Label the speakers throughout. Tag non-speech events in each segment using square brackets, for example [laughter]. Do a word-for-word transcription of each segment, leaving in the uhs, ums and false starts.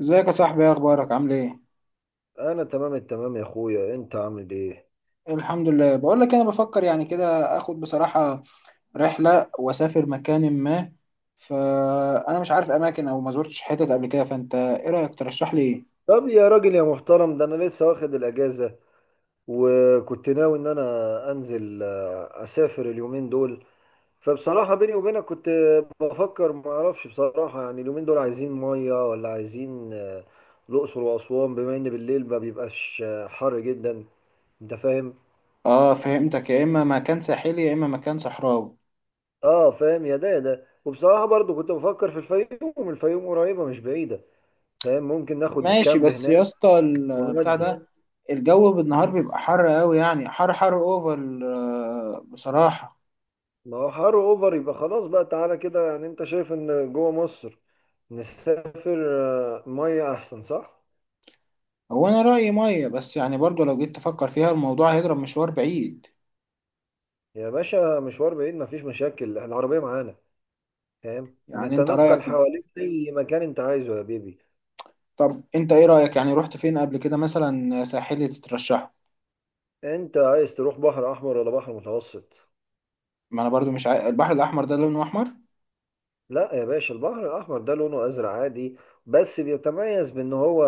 Speaker 1: ازيك يا صاحبي؟ ايه اخبارك؟ عامل ايه؟
Speaker 2: انا تمام التمام يا اخويا، انت عامل ايه؟
Speaker 1: الحمد لله. بقول لك، انا بفكر يعني كده اخد بصراحة رحلة واسافر مكان ما. فانا مش عارف اماكن او ما زرتش حتت قبل كده. فانت ايه رأيك؟ ترشح لي ايه؟
Speaker 2: طب يا راجل يا محترم، ده انا لسه واخد الاجازه وكنت ناوي ان انا انزل، آه، اسافر اليومين دول. فبصراحه بيني وبينك كنت بفكر، ما اعرفش بصراحه، يعني اليومين دول عايزين ميه ولا عايزين آه، الاقصر واسوان، بما ان بالليل ما بيبقاش آه، حر جدا. انت فاهم؟
Speaker 1: اه فهمتك. يا اما مكان ساحلي يا اما مكان صحراوي.
Speaker 2: اه فاهم يا ده يا ده، وبصراحه برضو كنت بفكر في الفيوم. الفيوم قريبه مش بعيده، فاهم؟ ممكن ناخد
Speaker 1: ماشي،
Speaker 2: كامب
Speaker 1: بس يا
Speaker 2: هناك.
Speaker 1: اسطى البتاع
Speaker 2: ونودي.
Speaker 1: ده، الجو بالنهار بيبقى حر قوي، يعني حر حر اوفر، آه، بصراحة.
Speaker 2: ما هو حر اوفر، يبقى خلاص بقى، تعالى كده. يعني انت شايف ان جوه مصر نسافر آه، ميه احسن، صح؟
Speaker 1: هو انا رأيي مية، بس يعني برضو لو جيت تفكر فيها الموضوع هيضرب مشوار بعيد.
Speaker 2: يا باشا مشوار بعيد، مفيش مشاكل، العربيه معانا، فاهم؟
Speaker 1: يعني انت رأيك؟
Speaker 2: نتنقل حواليك اي مكان انت عايزه يا بيبي.
Speaker 1: طب انت ايه رأيك؟ يعني رحت فين قبل كده مثلا؟ ساحلي تترشحه؟
Speaker 2: انت عايز تروح بحر احمر ولا بحر متوسط؟
Speaker 1: ما انا برضو مش عارف. البحر الاحمر ده لونه احمر؟
Speaker 2: لا يا باشا، البحر الأحمر ده لونه أزرق عادي، بس بيتميز بأن هو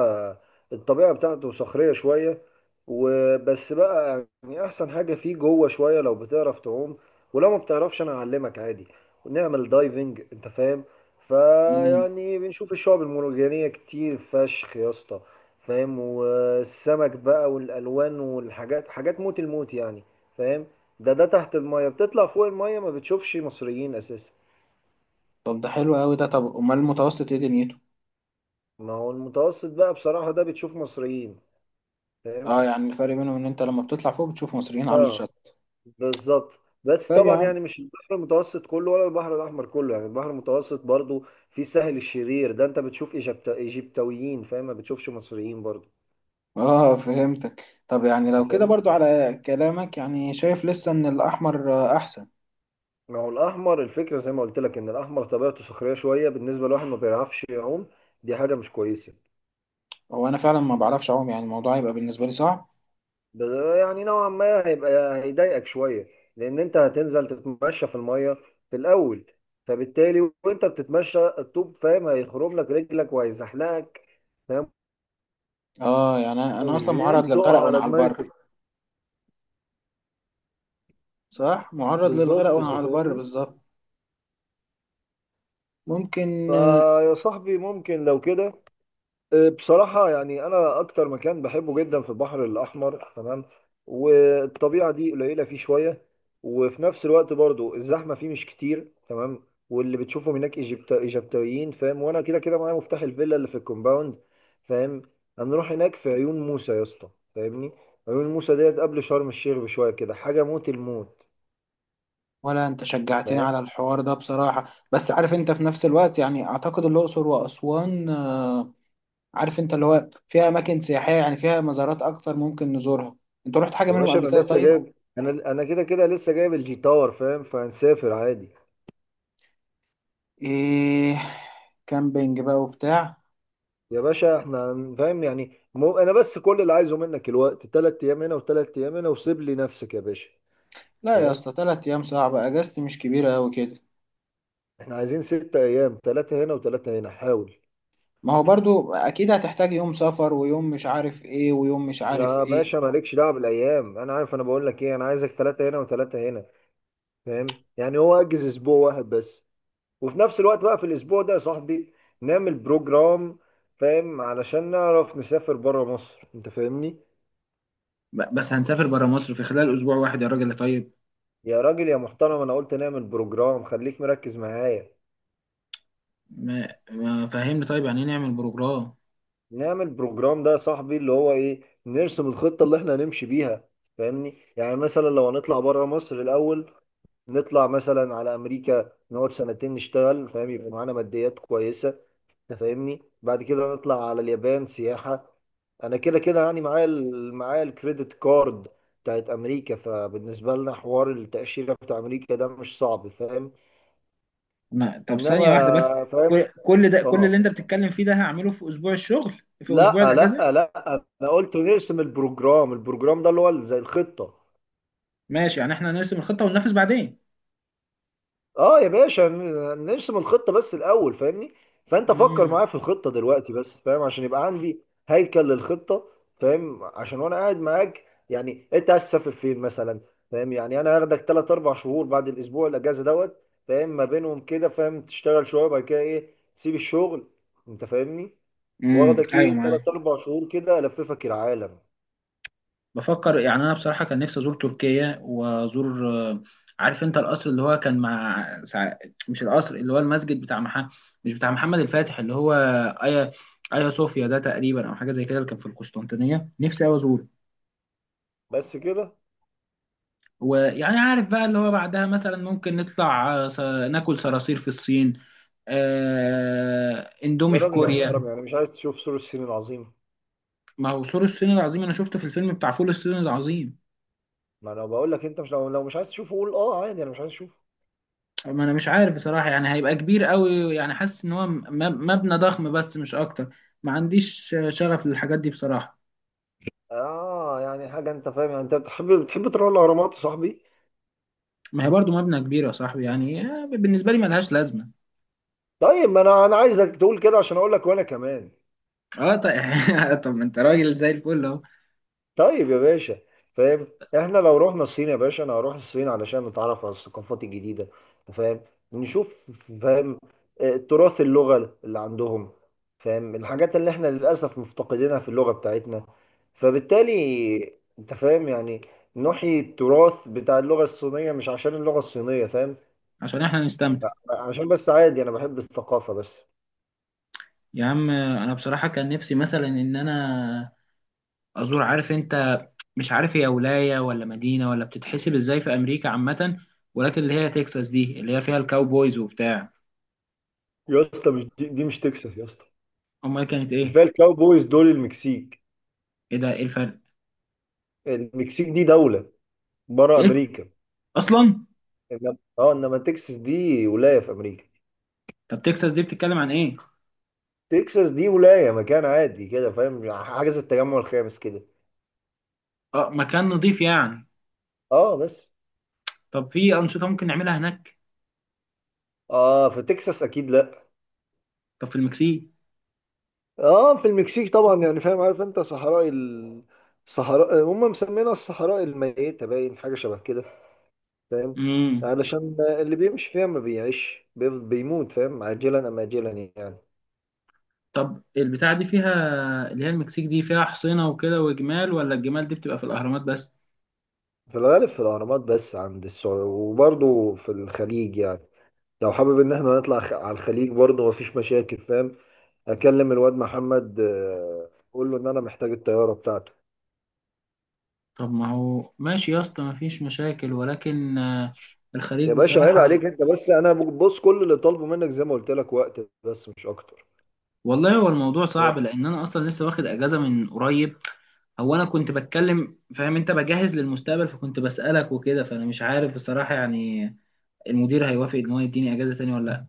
Speaker 2: الطبيعة بتاعته صخرية شوية. وبس بقى، يعني أحسن حاجة فيه جوه شوية لو بتعرف تعوم. ولو ما بتعرفش أنا أعلمك عادي، ونعمل دايفنج، أنت فاهم؟
Speaker 1: امم
Speaker 2: فيعني بنشوف الشعب المرجانية كتير فشخ يا اسطى. فاهم؟ والسمك بقى والألوان والحاجات، حاجات موت الموت يعني. فاهم؟ ده ده تحت المية، بتطلع فوق المية ما بتشوفش مصريين أساسا.
Speaker 1: طب ده حلو قوي ده. طب امال المتوسط ايه دنيته؟
Speaker 2: ما هو المتوسط بقى، بصراحة ده بتشوف مصريين،
Speaker 1: اه،
Speaker 2: فاهم؟
Speaker 1: يعني الفرق بينهم ان انت لما بتطلع فوق بتشوف مصريين على
Speaker 2: اه،
Speaker 1: الشط.
Speaker 2: بالظبط. بس
Speaker 1: طيب يا
Speaker 2: طبعا
Speaker 1: عم.
Speaker 2: يعني مش البحر المتوسط كله ولا البحر الأحمر كله، يعني البحر المتوسط برضو في سهل الشرير، ده انت بتشوف إيجبت- ايجيبتويين، فاهم، ما بتشوفش مصريين برضو.
Speaker 1: اه فهمتك. طب يعني لو
Speaker 2: انت
Speaker 1: كده
Speaker 2: فاهمني.
Speaker 1: برضو على كلامك، يعني شايف لسه ان الاحمر آه، احسن.
Speaker 2: ما هو الأحمر، الفكرة زي ما قلت لك ان الأحمر طبيعته صخرية شوية، بالنسبة لواحد ما بيعرفش يعوم دي حاجة مش كويسة.
Speaker 1: هو انا فعلا ما بعرفش اعوم، يعني الموضوع هيبقى بالنسبة لي صعب.
Speaker 2: ب- يعني نوعا ما هيبقى هيضايقك شوية، لأن أنت هتنزل تتمشى في المية في الأول. فبالتالي وأنت بتتمشى الطوب، فاهم، هيخرم لك رجلك وهيزحلقك، فاهم؟
Speaker 1: اه يعني انا أنا
Speaker 2: ومش
Speaker 1: اصلا معرض
Speaker 2: بعيد
Speaker 1: للغرق
Speaker 2: تقع
Speaker 1: وانا
Speaker 2: على
Speaker 1: على
Speaker 2: دماغك.
Speaker 1: البر. صح، معرض للغرق
Speaker 2: بالظبط،
Speaker 1: وانا
Speaker 2: أنت
Speaker 1: على البر
Speaker 2: فاهمني.
Speaker 1: بالظبط. ممكن.
Speaker 2: فيا صاحبي، ممكن لو كده. بصراحة يعني أنا أكتر مكان بحبه جدا في البحر الأحمر، تمام. والطبيعة دي قليلة فيه شوية. وفي نفس الوقت برضو الزحمة فيه مش كتير، تمام. واللي بتشوفهم هناك إيجيبت- إيجابتيين، فاهم، وأنا كده كده معايا مفتاح الفيلا اللي في الكومباوند، فاهم. هنروح هناك في عيون موسى يا اسطى، فاهمني؟ عيون موسى ديت قبل شرم الشيخ بشوية كده، حاجة موت الموت.
Speaker 1: ولا انت شجعتني
Speaker 2: فاهم
Speaker 1: على الحوار ده بصراحة، بس عارف انت في نفس الوقت يعني اعتقد الاقصر واسوان، آه، عارف انت اللي هو فيها اماكن سياحية، يعني فيها مزارات اكتر ممكن نزورها. انت رحت حاجة
Speaker 2: يا
Speaker 1: منهم
Speaker 2: باشا
Speaker 1: قبل
Speaker 2: أنا
Speaker 1: كده؟
Speaker 2: لسه
Speaker 1: طيب.
Speaker 2: جايب، أنا أنا كده كده لسه جايب الجي تاور، فاهم؟ فهنسافر عادي.
Speaker 1: ايه؟ كامبينج بقى وبتاع.
Speaker 2: يا باشا احنا فاهم، يعني مو انا بس، كل اللي عايزه منك الوقت. تلات ايام هنا وتلات ايام هنا وسيب لي نفسك يا باشا.
Speaker 1: لا يا
Speaker 2: فاهم؟
Speaker 1: اسطى، تلات ايام صعبة، اجازتي مش كبيرة اوي كده.
Speaker 2: احنا عايزين ست ايام، تلاتة هنا وتلاتة هنا، حاول.
Speaker 1: ما هو برضو اكيد هتحتاج يوم سفر، ويوم مش عارف ايه، ويوم مش عارف
Speaker 2: يا
Speaker 1: ايه.
Speaker 2: باشا مالكش دعوه بالايام، انا عارف، انا بقول لك ايه، انا عايزك تلاتة هنا وتلاتة هنا. فاهم؟ يعني هو اجز اسبوع واحد بس، وفي نفس الوقت بقى في الاسبوع ده يا صاحبي نعمل بروجرام، فاهم، علشان نعرف نسافر بره مصر، انت فاهمني.
Speaker 1: ب- بس هنسافر برا مصر في خلال اسبوع واحد يا راجل؟ طيب.
Speaker 2: يا راجل يا محترم، انا قلت نعمل بروجرام، خليك مركز معايا.
Speaker 1: ما ما فهمني طيب، يعني ايه نعمل بروجرام؟
Speaker 2: نعمل بروجرام ده يا صاحبي اللي هو ايه؟ نرسم الخطة اللي احنا هنمشي بيها، فاهمني؟ يعني مثلا لو هنطلع بره مصر الاول، نطلع مثلا على امريكا نقعد سنتين نشتغل، فاهم، يبقى معانا ماديات كويسة، انت فاهمني. بعد كده نطلع على اليابان سياحة. انا كده كده يعني معايا ال- معايا الكريدت كارد بتاعت امريكا، فبالنسبة لنا حوار التأشيرة بتاع امريكا ده مش صعب، فاهم؟
Speaker 1: ما طب
Speaker 2: انما
Speaker 1: ثانية واحدة بس. كل
Speaker 2: فاهم.
Speaker 1: كل ده، كل اللي انت
Speaker 2: اه،
Speaker 1: بتتكلم فيه ده هعمله في اسبوع الشغل؟ في اسبوع
Speaker 2: لا،
Speaker 1: الاجازة؟
Speaker 2: لا، لا، انا قلت نرسم البروجرام. البروجرام ده اللي هو زي الخطة.
Speaker 1: ماشي، يعني احنا هنرسم الخطة وننفذ بعدين.
Speaker 2: اه يا باشا، ن- نرسم الخطة بس الاول، فاهمني. فانت فكر
Speaker 1: امم
Speaker 2: معايا في الخطة دلوقتي بس، فاهم، عشان يبقى عندي هيكل للخطة، فاهم، عشان وانا قاعد معاك، يعني انت عايز تسافر فين مثلا؟ فاهم يعني انا هاخدك ثلاثة أربعة شهور بعد الاسبوع الاجازة دوت، فاهم، ما بينهم كده، فاهم، تشتغل شوية بعد كده ايه، تسيب الشغل، انت فاهمني.
Speaker 1: امم
Speaker 2: واخدك
Speaker 1: ايوه،
Speaker 2: ايه
Speaker 1: معايا.
Speaker 2: ثلاثة أربعة شهور كده الففك العالم.
Speaker 1: بفكر يعني، انا بصراحة كان نفسي ازور تركيا، وازور آه، عارف انت، القصر اللي هو كان مع سع- مش القصر، اللي هو المسجد بتاع محمد، مش بتاع محمد الفاتح، اللي هو ايا ايا صوفيا ده تقريبا، او حاجة زي كده، اللي كان في القسطنطينية. نفسي اوي ازوره.
Speaker 2: بس كده؟
Speaker 1: ويعني عارف بقى اللي هو بعدها مثلا ممكن نطلع، آه، س- ناكل صراصير في الصين، آه، اندومي
Speaker 2: يا
Speaker 1: في
Speaker 2: راجل يا
Speaker 1: كوريا.
Speaker 2: محترم، يعني مش عايز تشوف سور الصين العظيم؟
Speaker 1: ما هو سور الصين العظيم انا شفته في الفيلم بتاع فول الصين العظيم.
Speaker 2: ما انا بقول لك، انت مش لو, لو مش عايز تشوفه قول اه عادي انا مش عايز اشوفه.
Speaker 1: ما انا مش عارف بصراحة، يعني هيبقى كبير قوي. يعني حاسس ان هو م- م- مبنى ضخم بس مش اكتر. ما عنديش شغف للحاجات دي بصراحة.
Speaker 2: اه يعني حاجه، انت فاهم يعني انت بتحب بتحب تروح الاهرامات يا صاحبي؟
Speaker 1: ما هي برضو مبنى كبير يا صاحبي، يعني آه، بالنسبة لي ملهاش لازمة.
Speaker 2: طيب، ما انا انا عايزك تقول كده عشان اقول لك وانا كمان.
Speaker 1: اه طيب. [laughs] طب ما انت راجل زي الفل اهو.
Speaker 2: طيب يا باشا، فاهم، احنا لو رحنا الصين يا باشا انا هروح الصين علشان نتعرف على الثقافات الجديده، فاهم، نشوف، فاهم آه، تراث اللغه اللي عندهم، فاهم، الحاجات اللي احنا للاسف مفتقدينها في اللغه بتاعتنا. فبالتالي انت فاهم يعني، نحيي التراث بتاع اللغه الصينيه، مش عشان اللغه الصينيه، فاهم.
Speaker 1: عشان احنا نستمتع.
Speaker 2: لا، عشان بس عادي انا بحب الثقافه بس.
Speaker 1: يا عم، آه، انا بصراحة كان نفسي مثلا ان انا ازور، عارف انت، مش عارف هي ولايه ولا مدينه ولا بتتحسب ازاي في امريكا عامه، ولكن اللي هي تكساس دي اللي هي فيها الكاوبويز وبتاع.
Speaker 2: يا اسطى مش دي, دي مش تكساس يا اسطى.
Speaker 1: امال كانت ايه؟
Speaker 2: كفايه الكاوبويز دول المكسيك.
Speaker 1: ايه ده؟ ايه الفرق؟
Speaker 2: المكسيك دي دوله بره
Speaker 1: ايه؟
Speaker 2: امريكا.
Speaker 1: اصلا؟
Speaker 2: إنما- اه انما تكساس دي ولايه في امريكا.
Speaker 1: طب تكساس دي بتتكلم عن ايه؟
Speaker 2: تكساس دي ولايه، مكان عادي كده، فاهم، حاجه زي التجمع الخامس كده.
Speaker 1: اه، مكان نضيف يعني.
Speaker 2: اه بس.
Speaker 1: طب في انشطه ممكن نعملها هناك؟
Speaker 2: اه في تكساس، اكيد لا.
Speaker 1: طب في المكسيك؟
Speaker 2: اه في المكسيك طبعا، يعني فاهم، عارف انت صحراء ال... صحراء هم مسمينها الصحراء الميته، باين حاجه شبه كده، فاهم،
Speaker 1: امم
Speaker 2: علشان اللي بيمشي فيها ما بيعيش بي- بيموت، فاهم، عاجلا ام اجلا يعني.
Speaker 1: طب البتاعه دي فيها، اللي هي المكسيك دي، فيها حصينه وكده وجمال، ولا الجمال دي بتبقى في الاهرامات بس؟
Speaker 2: في الغالب في الاهرامات بس، عند السعوديه وبرضه في الخليج يعني. لو حابب ان احنا نطلع خ- على الخليج برضه مفيش مشاكل، فاهم، اكلم الواد محمد، آه، اقول له ان انا محتاج الطياره بتاعته.
Speaker 1: طب ما هو ماشي يا اسطى، مفيش مشاكل، ولكن آه، الخليج
Speaker 2: يا باشا عيب
Speaker 1: بصراحه.
Speaker 2: عليك، انت بس، انا بص كل اللي طالبه منك زي ما قلت لك وقت بس مش اكتر.
Speaker 1: والله هو الموضوع صعب، لان انا اصلا لسه واخد اجازه من قريب. هو انا كنت بتكلم، فاهم، انت بجهز للمستقبل، فكنت بسالك وكده. فانا مش عارف بصراحه يعني المدير هيوافق ان هو يديني اجازه تاني ولا لا.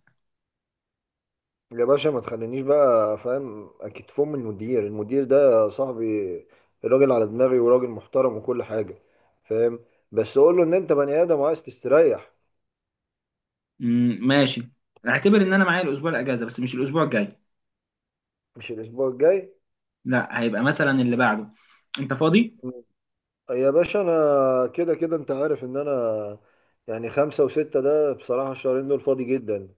Speaker 2: يا باشا ما تخلينيش بقى، فاهم، اكيد فم المدير، المدير ده صاحبي، الراجل على دماغي وراجل محترم وكل حاجه، فاهم، بس قول له ان انت بني ادم وعايز تستريح.
Speaker 1: أمم، ماشي. اعتبر ان انا معايا الاسبوع الاجازه، بس مش الاسبوع الجاي.
Speaker 2: مش الاسبوع الجاي.
Speaker 1: لا، هيبقى مثلا اللي بعده. انت فاضي؟
Speaker 2: يا باشا انا كده كده، انت عارف ان انا، يعني خمسة وستة ده بصراحة الشهرين دول فاضي جدا،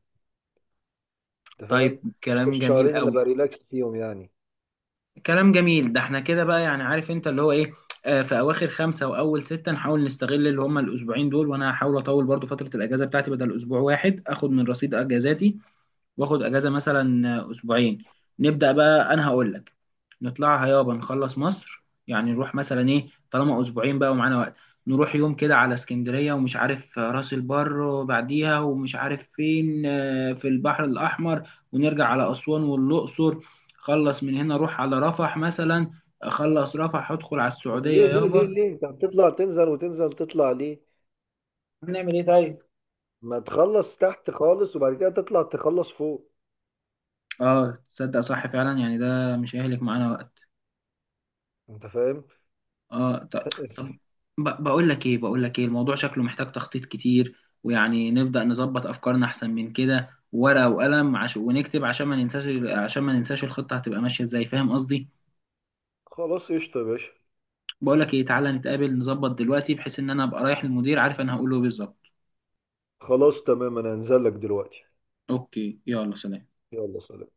Speaker 2: انت
Speaker 1: طيب،
Speaker 2: فاهم؟
Speaker 1: كلام
Speaker 2: الشهرين
Speaker 1: جميل
Speaker 2: اللي
Speaker 1: قوي.
Speaker 2: بريلاكس فيهم يعني.
Speaker 1: كلام جميل. ده احنا كده بقى، يعني عارف انت اللي هو ايه، آه، في اواخر خمسة واول ستة نحاول نستغل اللي هما الاسبوعين دول. وانا هحاول اطول برضو فترة الاجازة بتاعتي، بدل اسبوع واحد اخد من رصيد اجازاتي واخد اجازه مثلا اسبوعين. نبدا بقى، انا هقول لك، نطلعها يابا، نخلص مصر. يعني نروح مثلا ايه، طالما اسبوعين بقى ومعانا وقت، نروح يوم كده على اسكندريه، ومش عارف راس البر، وبعديها ومش عارف فين، آه، في البحر الاحمر. ونرجع على اسوان والاقصر. خلص من هنا روح على رفح مثلا. خلص رفح ادخل على
Speaker 2: طب
Speaker 1: السعوديه
Speaker 2: ليه ليه ليه
Speaker 1: يابا.
Speaker 2: ليه انت بتطلع تنزل وتنزل تطلع ليه؟
Speaker 1: نعمل ايه طيب؟
Speaker 2: ما تخلص تحت خالص وبعد كده تطلع تخلص فوق.
Speaker 1: اه تصدق، صح فعلا، يعني ده مش هيهلك معانا وقت.
Speaker 2: انت فاهم؟
Speaker 1: اه، ط- طب.
Speaker 2: [laughs]
Speaker 1: ب- بقول لك ايه بقول لك ايه الموضوع شكله محتاج تخطيط كتير. ويعني نبدأ نظبط افكارنا احسن من كده، ورقة وقلم، عش... ونكتب عشان ما ننساش، ال- عشان ما ننساش الخطة هتبقى ماشية ازاي، فاهم قصدي.
Speaker 2: خلاص قشطة يا باشا.
Speaker 1: بقول لك ايه، تعالى نتقابل نظبط دلوقتي، بحيث ان انا ابقى رايح للمدير عارف انا هقول له إيه بالظبط.
Speaker 2: خلاص تمام، انا هنزل لك دلوقتي.
Speaker 1: اوكي، يلا سلام.
Speaker 2: يلا سلام.